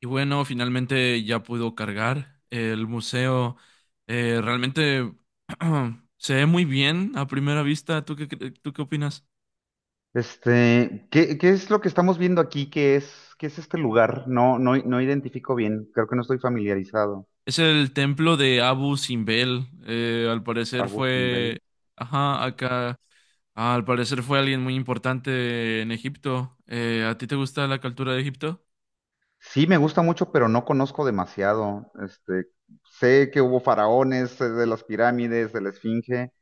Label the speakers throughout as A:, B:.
A: Y bueno, finalmente ya pudo cargar el museo. Realmente se ve muy bien a primera vista. ¿Tú qué opinas?
B: Este, ¿qué es lo que estamos viendo aquí? ¿Qué es este lugar? No, no, no identifico bien. Creo que no estoy familiarizado.
A: Es el templo de Abu Simbel. Al parecer
B: Abu Simbel.
A: fue. Ajá,
B: Ujú.
A: acá. Al parecer fue alguien muy importante en Egipto. ¿A ti te gusta la cultura de Egipto?
B: Sí, me gusta mucho, pero no conozco demasiado. Este, sé que hubo faraones, sé de las pirámides, de la Esfinge,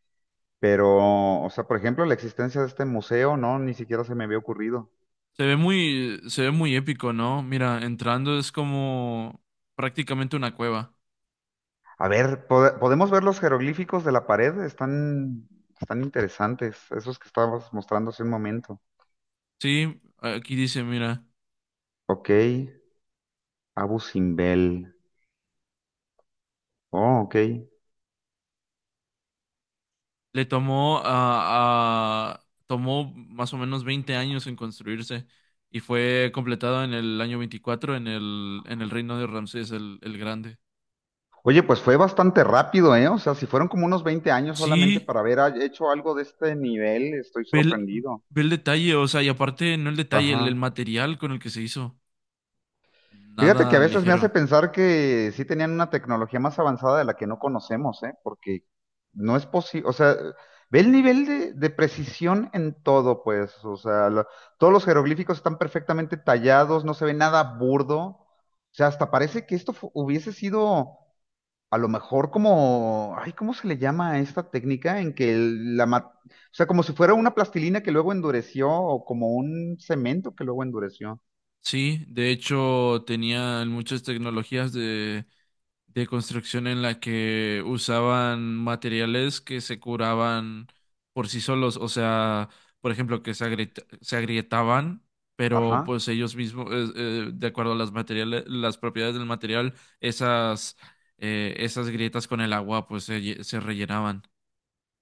B: pero, o sea, por ejemplo, la existencia de este museo, no, ni siquiera se me había ocurrido.
A: Se ve muy épico, ¿no? Mira, entrando es como prácticamente una cueva.
B: A ver, ¿podemos ver los jeroglíficos de la pared? Están interesantes, esos que estabas mostrando hace un momento.
A: Sí, aquí dice, mira.
B: Ok, Abu Simbel. Oh, ok.
A: Le tomó más o menos 20 años en construirse y fue completado en el año 24 en el reino de Ramsés el Grande.
B: Oye, pues fue bastante rápido, ¿eh? O sea, si fueron como unos 20 años solamente
A: Sí,
B: para haber hecho algo de este nivel, estoy
A: ve el,
B: sorprendido.
A: ve el detalle, o sea, y aparte no el detalle, el
B: Ajá.
A: material con el que se hizo.
B: Fíjate que a
A: Nada
B: veces me hace
A: ligero.
B: pensar que sí tenían una tecnología más avanzada de la que no conocemos, ¿eh? Porque no es posible, o sea, ve el nivel de precisión en todo, pues, o sea, la- todos los jeroglíficos están perfectamente tallados, no se ve nada burdo, o sea, hasta parece que esto fu- hubiese sido A lo mejor como, ay, ¿cómo se le llama a esta técnica en que el- la, ma- o sea, como si fuera una plastilina que luego endureció o como un cemento que luego endureció.
A: Sí, de hecho tenían muchas tecnologías de construcción en la que usaban materiales que se curaban por sí solos, o sea, por ejemplo, que se agrietaban, pero pues
B: Ajá.
A: ellos mismos, de acuerdo a las materiales, las propiedades del material, esas, esas grietas con el agua pues se rellenaban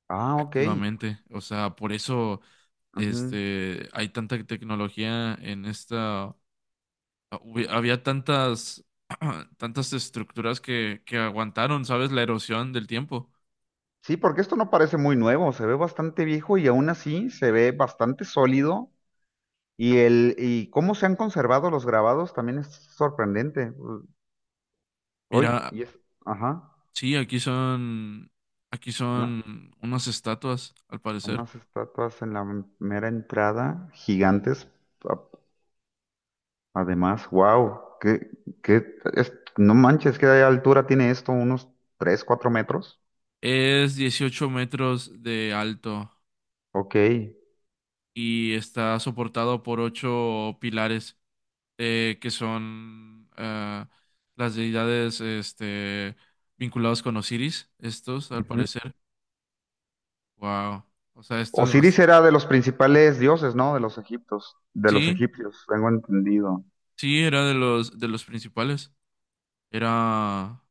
B: Ah, ok.
A: activamente, o sea, por eso
B: Ujú.
A: hay tanta tecnología en esta. Había tantas, tantas estructuras que aguantaron, ¿sabes? La erosión del tiempo.
B: Sí, porque esto no parece muy nuevo, se ve bastante viejo y aún así se ve bastante sólido y el y cómo se han conservado los grabados también es sorprendente. Hoy
A: Mira,
B: y es, ajá,
A: sí, aquí son, aquí
B: una-
A: son unas estatuas, al parecer.
B: unas estatuas en la mera entrada gigantes. Además, wow, que no manches, ¿qué altura tiene esto? ¿Unos 3 o 4 metros?
A: Es 18 metros de alto
B: Ok.
A: y está soportado por 8 pilares que son las deidades, vinculados con Osiris, estos, al
B: Ujú.
A: parecer. Wow. O sea, esto es bastante.
B: Osiris era de los principales dioses, ¿no? De los egiptos, de los
A: Sí.
B: egipcios, tengo entendido.
A: Sí, era de los, principales. Era,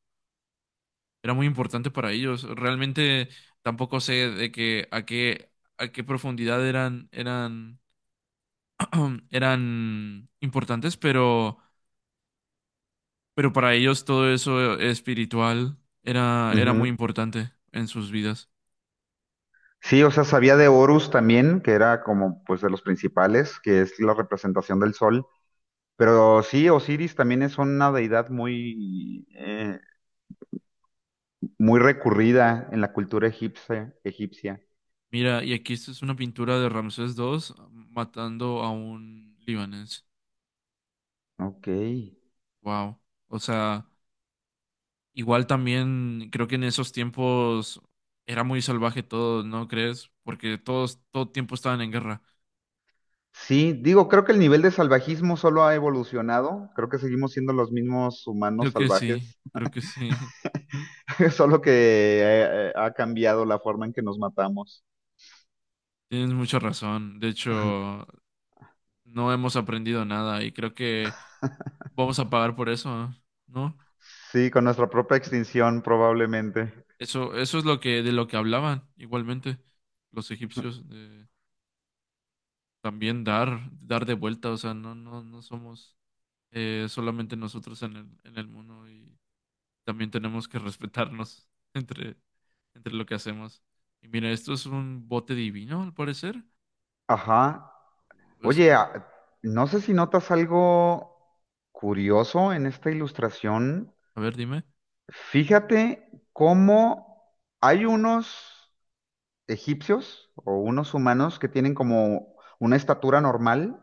A: era muy importante para ellos. Realmente tampoco sé de que a qué, profundidad eran importantes, pero para ellos todo eso espiritual era muy
B: Ujú.
A: importante en sus vidas.
B: Sí, o sea, sabía de Horus también, que era como pues de los principales, que es la representación del sol. Pero sí, Osiris también es una deidad muy, muy recurrida en la cultura egipcia, egipcia.
A: Mira, y aquí esto es una pintura de Ramsés II matando a un libanés.
B: Ok.
A: Wow. O sea, igual también creo que en esos tiempos era muy salvaje todo, ¿no crees? Porque todo tiempo estaban en guerra.
B: Sí, digo, creo que el nivel de salvajismo solo ha evolucionado, creo que seguimos siendo los mismos humanos
A: Creo que sí,
B: salvajes,
A: creo que sí.
B: solo que ha cambiado la forma en que nos matamos.
A: Tienes mucha razón. De hecho, no hemos aprendido nada y creo que vamos a pagar por eso, ¿no?
B: Sí, con nuestra propia extinción probablemente.
A: Eso es lo que de lo que hablaban igualmente los egipcios de también dar de vuelta, o sea, no somos, solamente nosotros en el mundo también tenemos que respetarnos entre, entre lo que hacemos. Y mira, esto es un bote divino, al parecer.
B: Ajá.
A: Es
B: Oye,
A: como,
B: no sé si notas algo curioso en esta ilustración.
A: a ver, dime.
B: Fíjate cómo hay unos egipcios o unos humanos que tienen como una estatura normal.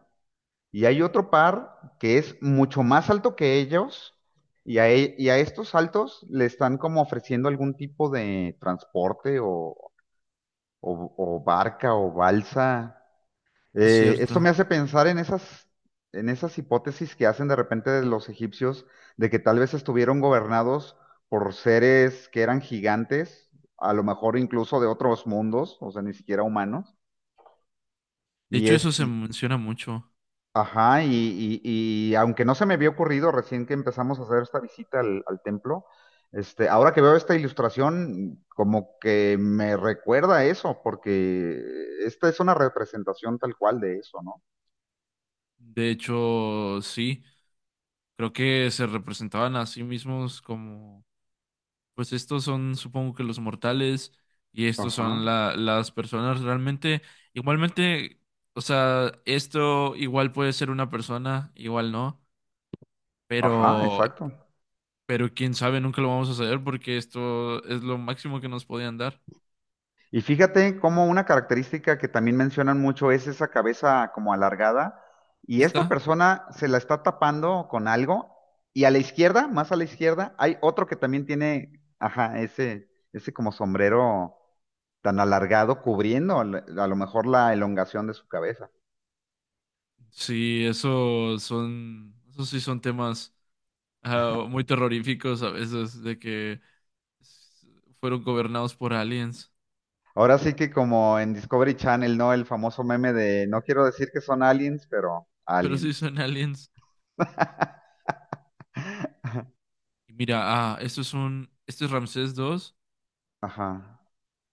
B: Y hay otro par que es mucho más alto que ellos y a estos altos le están como ofreciendo algún tipo de transporte o barca o balsa.
A: Es
B: Esto
A: cierto.
B: me hace pensar en esas hipótesis que hacen de repente de los egipcios de que tal vez estuvieron gobernados por seres que eran gigantes, a lo mejor incluso de otros mundos, o sea, ni siquiera humanos.
A: De
B: Y,
A: hecho, eso
B: es-
A: se
B: y
A: menciona mucho.
B: Ajá, y aunque no se me había ocurrido recién que empezamos a hacer esta visita al, al templo, este, ahora que veo esta ilustración, como que me recuerda a eso, porque esta es una representación tal cual de eso, ¿no?
A: De hecho, sí, creo que se representaban a sí mismos como, pues estos son, supongo que los mortales y estos son
B: Ajá,
A: las personas realmente, igualmente, o sea, esto igual puede ser una persona, igual no,
B: ajá,
A: pero
B: exacto.
A: Pero quién sabe, nunca lo vamos a saber porque esto es lo máximo que nos podían dar.
B: Y fíjate cómo una característica que también mencionan mucho es esa cabeza como alargada. Y esta
A: ¿Está?
B: persona se la está tapando con algo. Y a la izquierda, más a la izquierda, hay otro que también tiene, ajá, ese como sombrero tan alargado cubriendo a lo mejor la elongación de su cabeza.
A: Sí, eso sí son temas, muy terroríficos a veces de que s- fueron gobernados por aliens.
B: Ahora sí que como en Discovery Channel, ¿no? El famoso meme de no quiero decir que son aliens, pero
A: Pero sí
B: aliens.
A: son aliens. Y mira, esto es este es Ramsés II
B: Ajá.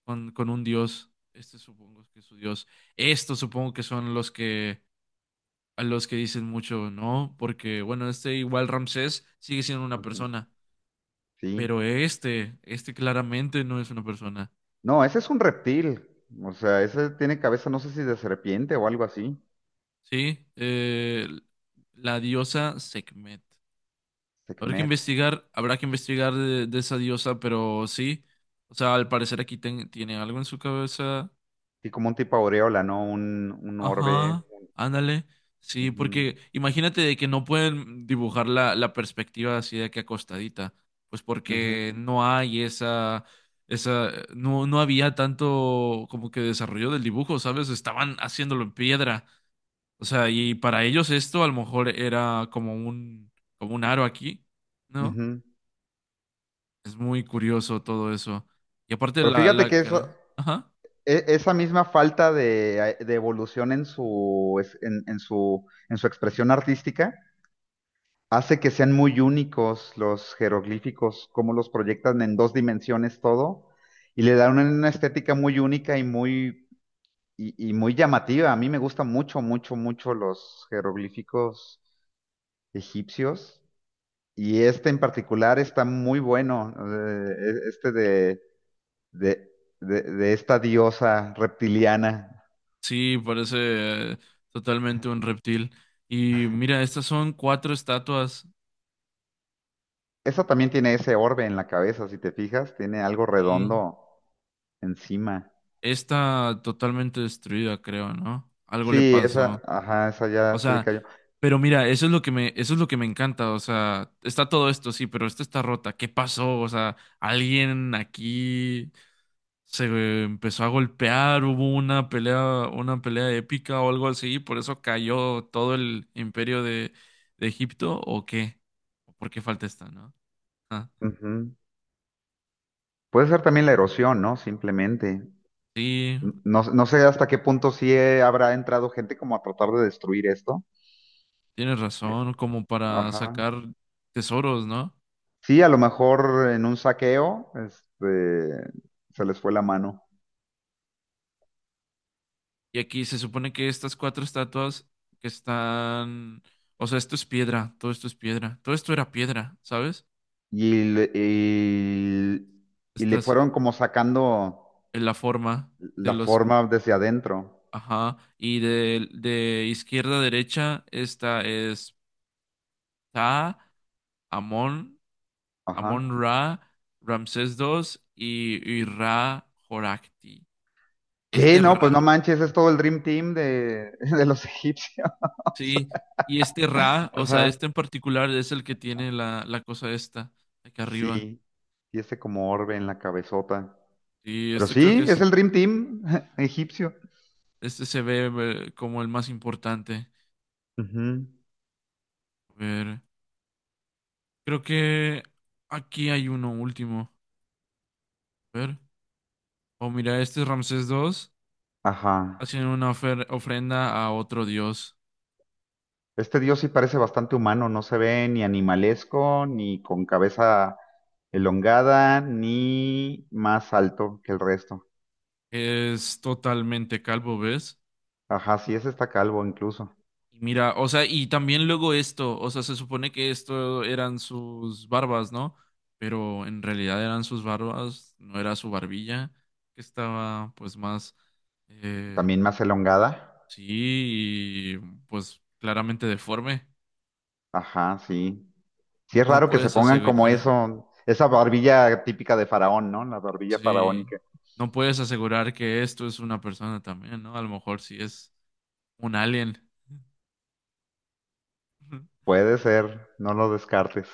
A: con un dios. Este supongo que es su dios. Estos supongo que son los que a los que dicen mucho, ¿no? Porque bueno, igual Ramsés sigue siendo una
B: Ujú,
A: persona.
B: sí.
A: Pero este claramente no es una persona.
B: No, ese es un reptil. O sea, ese tiene cabeza, no sé si de serpiente o algo así.
A: Sí, la diosa Sekhmet.
B: Sekhmet.
A: Habrá que investigar de esa diosa, pero sí. O sea, al parecer aquí tiene algo en su cabeza.
B: Sí, como un tipo aureola, ¿no? Un orbe.
A: Ajá, ándale. Sí,
B: Ujú,
A: porque imagínate de que no pueden dibujar la perspectiva así de que acostadita. Pues
B: ujú,
A: porque no hay no había tanto como que desarrollo del dibujo, ¿sabes? Estaban haciéndolo en piedra. O sea, y para ellos esto a lo mejor era como un aro aquí, ¿no?
B: ujú.
A: Es muy curioso todo eso. Y aparte
B: Pero
A: la,
B: fíjate
A: la
B: que eso,
A: ajá.
B: esa misma falta de evolución en su, en su expresión artística hace que sean muy únicos los jeroglíficos, como los proyectan en dos dimensiones todo, y le dan una estética muy única y muy llamativa. A mí me gustan mucho, mucho, mucho los jeroglíficos egipcios. Y este en particular está muy bueno, eh, e- este de, de, de, de esta diosa reptiliana.
A: Sí, parece, totalmente un reptil. Y mira, estas son 4 estatuas
B: Esa también tiene ese orbe en la cabeza, si te fijas, tiene algo
A: y
B: redondo encima.
A: esta totalmente destruida, creo, ¿no? Algo le
B: Sí,
A: pasó.
B: esa, ajá, esa
A: O
B: ya se le
A: sea,
B: cayó.
A: pero mira, eso es lo que me, eso es lo que me encanta. O sea, está todo esto, sí, pero esta está rota. ¿Qué pasó? O sea, alguien aquí se empezó a golpear, hubo una pelea épica o algo así, por eso cayó todo el imperio de Egipto, ¿o qué? ¿O ¿Por qué falta esta, ¿no? Ah,
B: Ujú. Puede ser también la erosión, ¿no? Simplemente.
A: sí,
B: No, no sé hasta qué punto sí habrá entrado gente como a tratar de destruir esto.
A: tienes razón, como para
B: Ajá.
A: sacar tesoros, ¿no?
B: Sí, a lo mejor en un saqueo, este, se les fue la mano
A: Y aquí se supone que estas 4 estatuas que están, o sea, esto es piedra, todo esto es piedra, todo esto era piedra, ¿sabes?
B: y, le- y- y
A: Está
B: le
A: así,
B: fueron como sacando
A: en la forma de
B: la
A: los.
B: forma desde adentro.
A: Ajá, y de izquierda a derecha, esta es Ta, Amón Amón
B: Ajá.
A: Ra, Ramsés II y Ra Horakhti.
B: ¿Qué?
A: Este
B: No, pues no
A: Ra,
B: manches, es todo el Dream Team de, de los egipcios.
A: sí, y este Ra, o sea,
B: Ajá.
A: este en particular es el que tiene la cosa esta, acá arriba.
B: Sí, y ese como orbe en la cabezota.
A: Y
B: Pero
A: esto creo que
B: sí, es
A: es,
B: el Dream Team egipcio.
A: este se ve como el más importante.
B: Ujú.
A: A ver, creo que aquí hay uno último. A ver, oh, mira, este es Ramsés II
B: Ajá.
A: haciendo una ofrenda a otro dios.
B: Este dios sí parece bastante humano, no se ve ni animalesco, ni con cabeza elongada, ni más alto que el resto.
A: Es totalmente calvo, ¿ves?
B: Ajá, sí, ese está calvo incluso.
A: Y mira, o sea, y también luego esto, o sea, se supone que esto eran sus barbas, ¿no? Pero en realidad eran sus barbas, no era su barbilla, que estaba pues más, eh,
B: También más elongada.
A: sí, y, pues claramente deforme.
B: Ajá, sí. Sí es
A: No
B: raro que se
A: puedes
B: pongan como
A: asegurar,
B: eso, esa barbilla típica de faraón, ¿no? La barbilla
A: sí,
B: faraónica.
A: no puedes asegurar que esto es una persona también, ¿no? A lo mejor sí es un alien.
B: Puede ser, no lo descartes.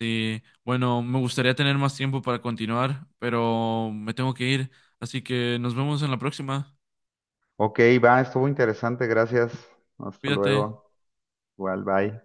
A: Sí, bueno, me gustaría tener más tiempo para continuar, pero me tengo que ir, así que nos vemos en la próxima.
B: Ok, va, estuvo interesante, gracias. Hasta
A: Cuídate.
B: luego. Igual, bye.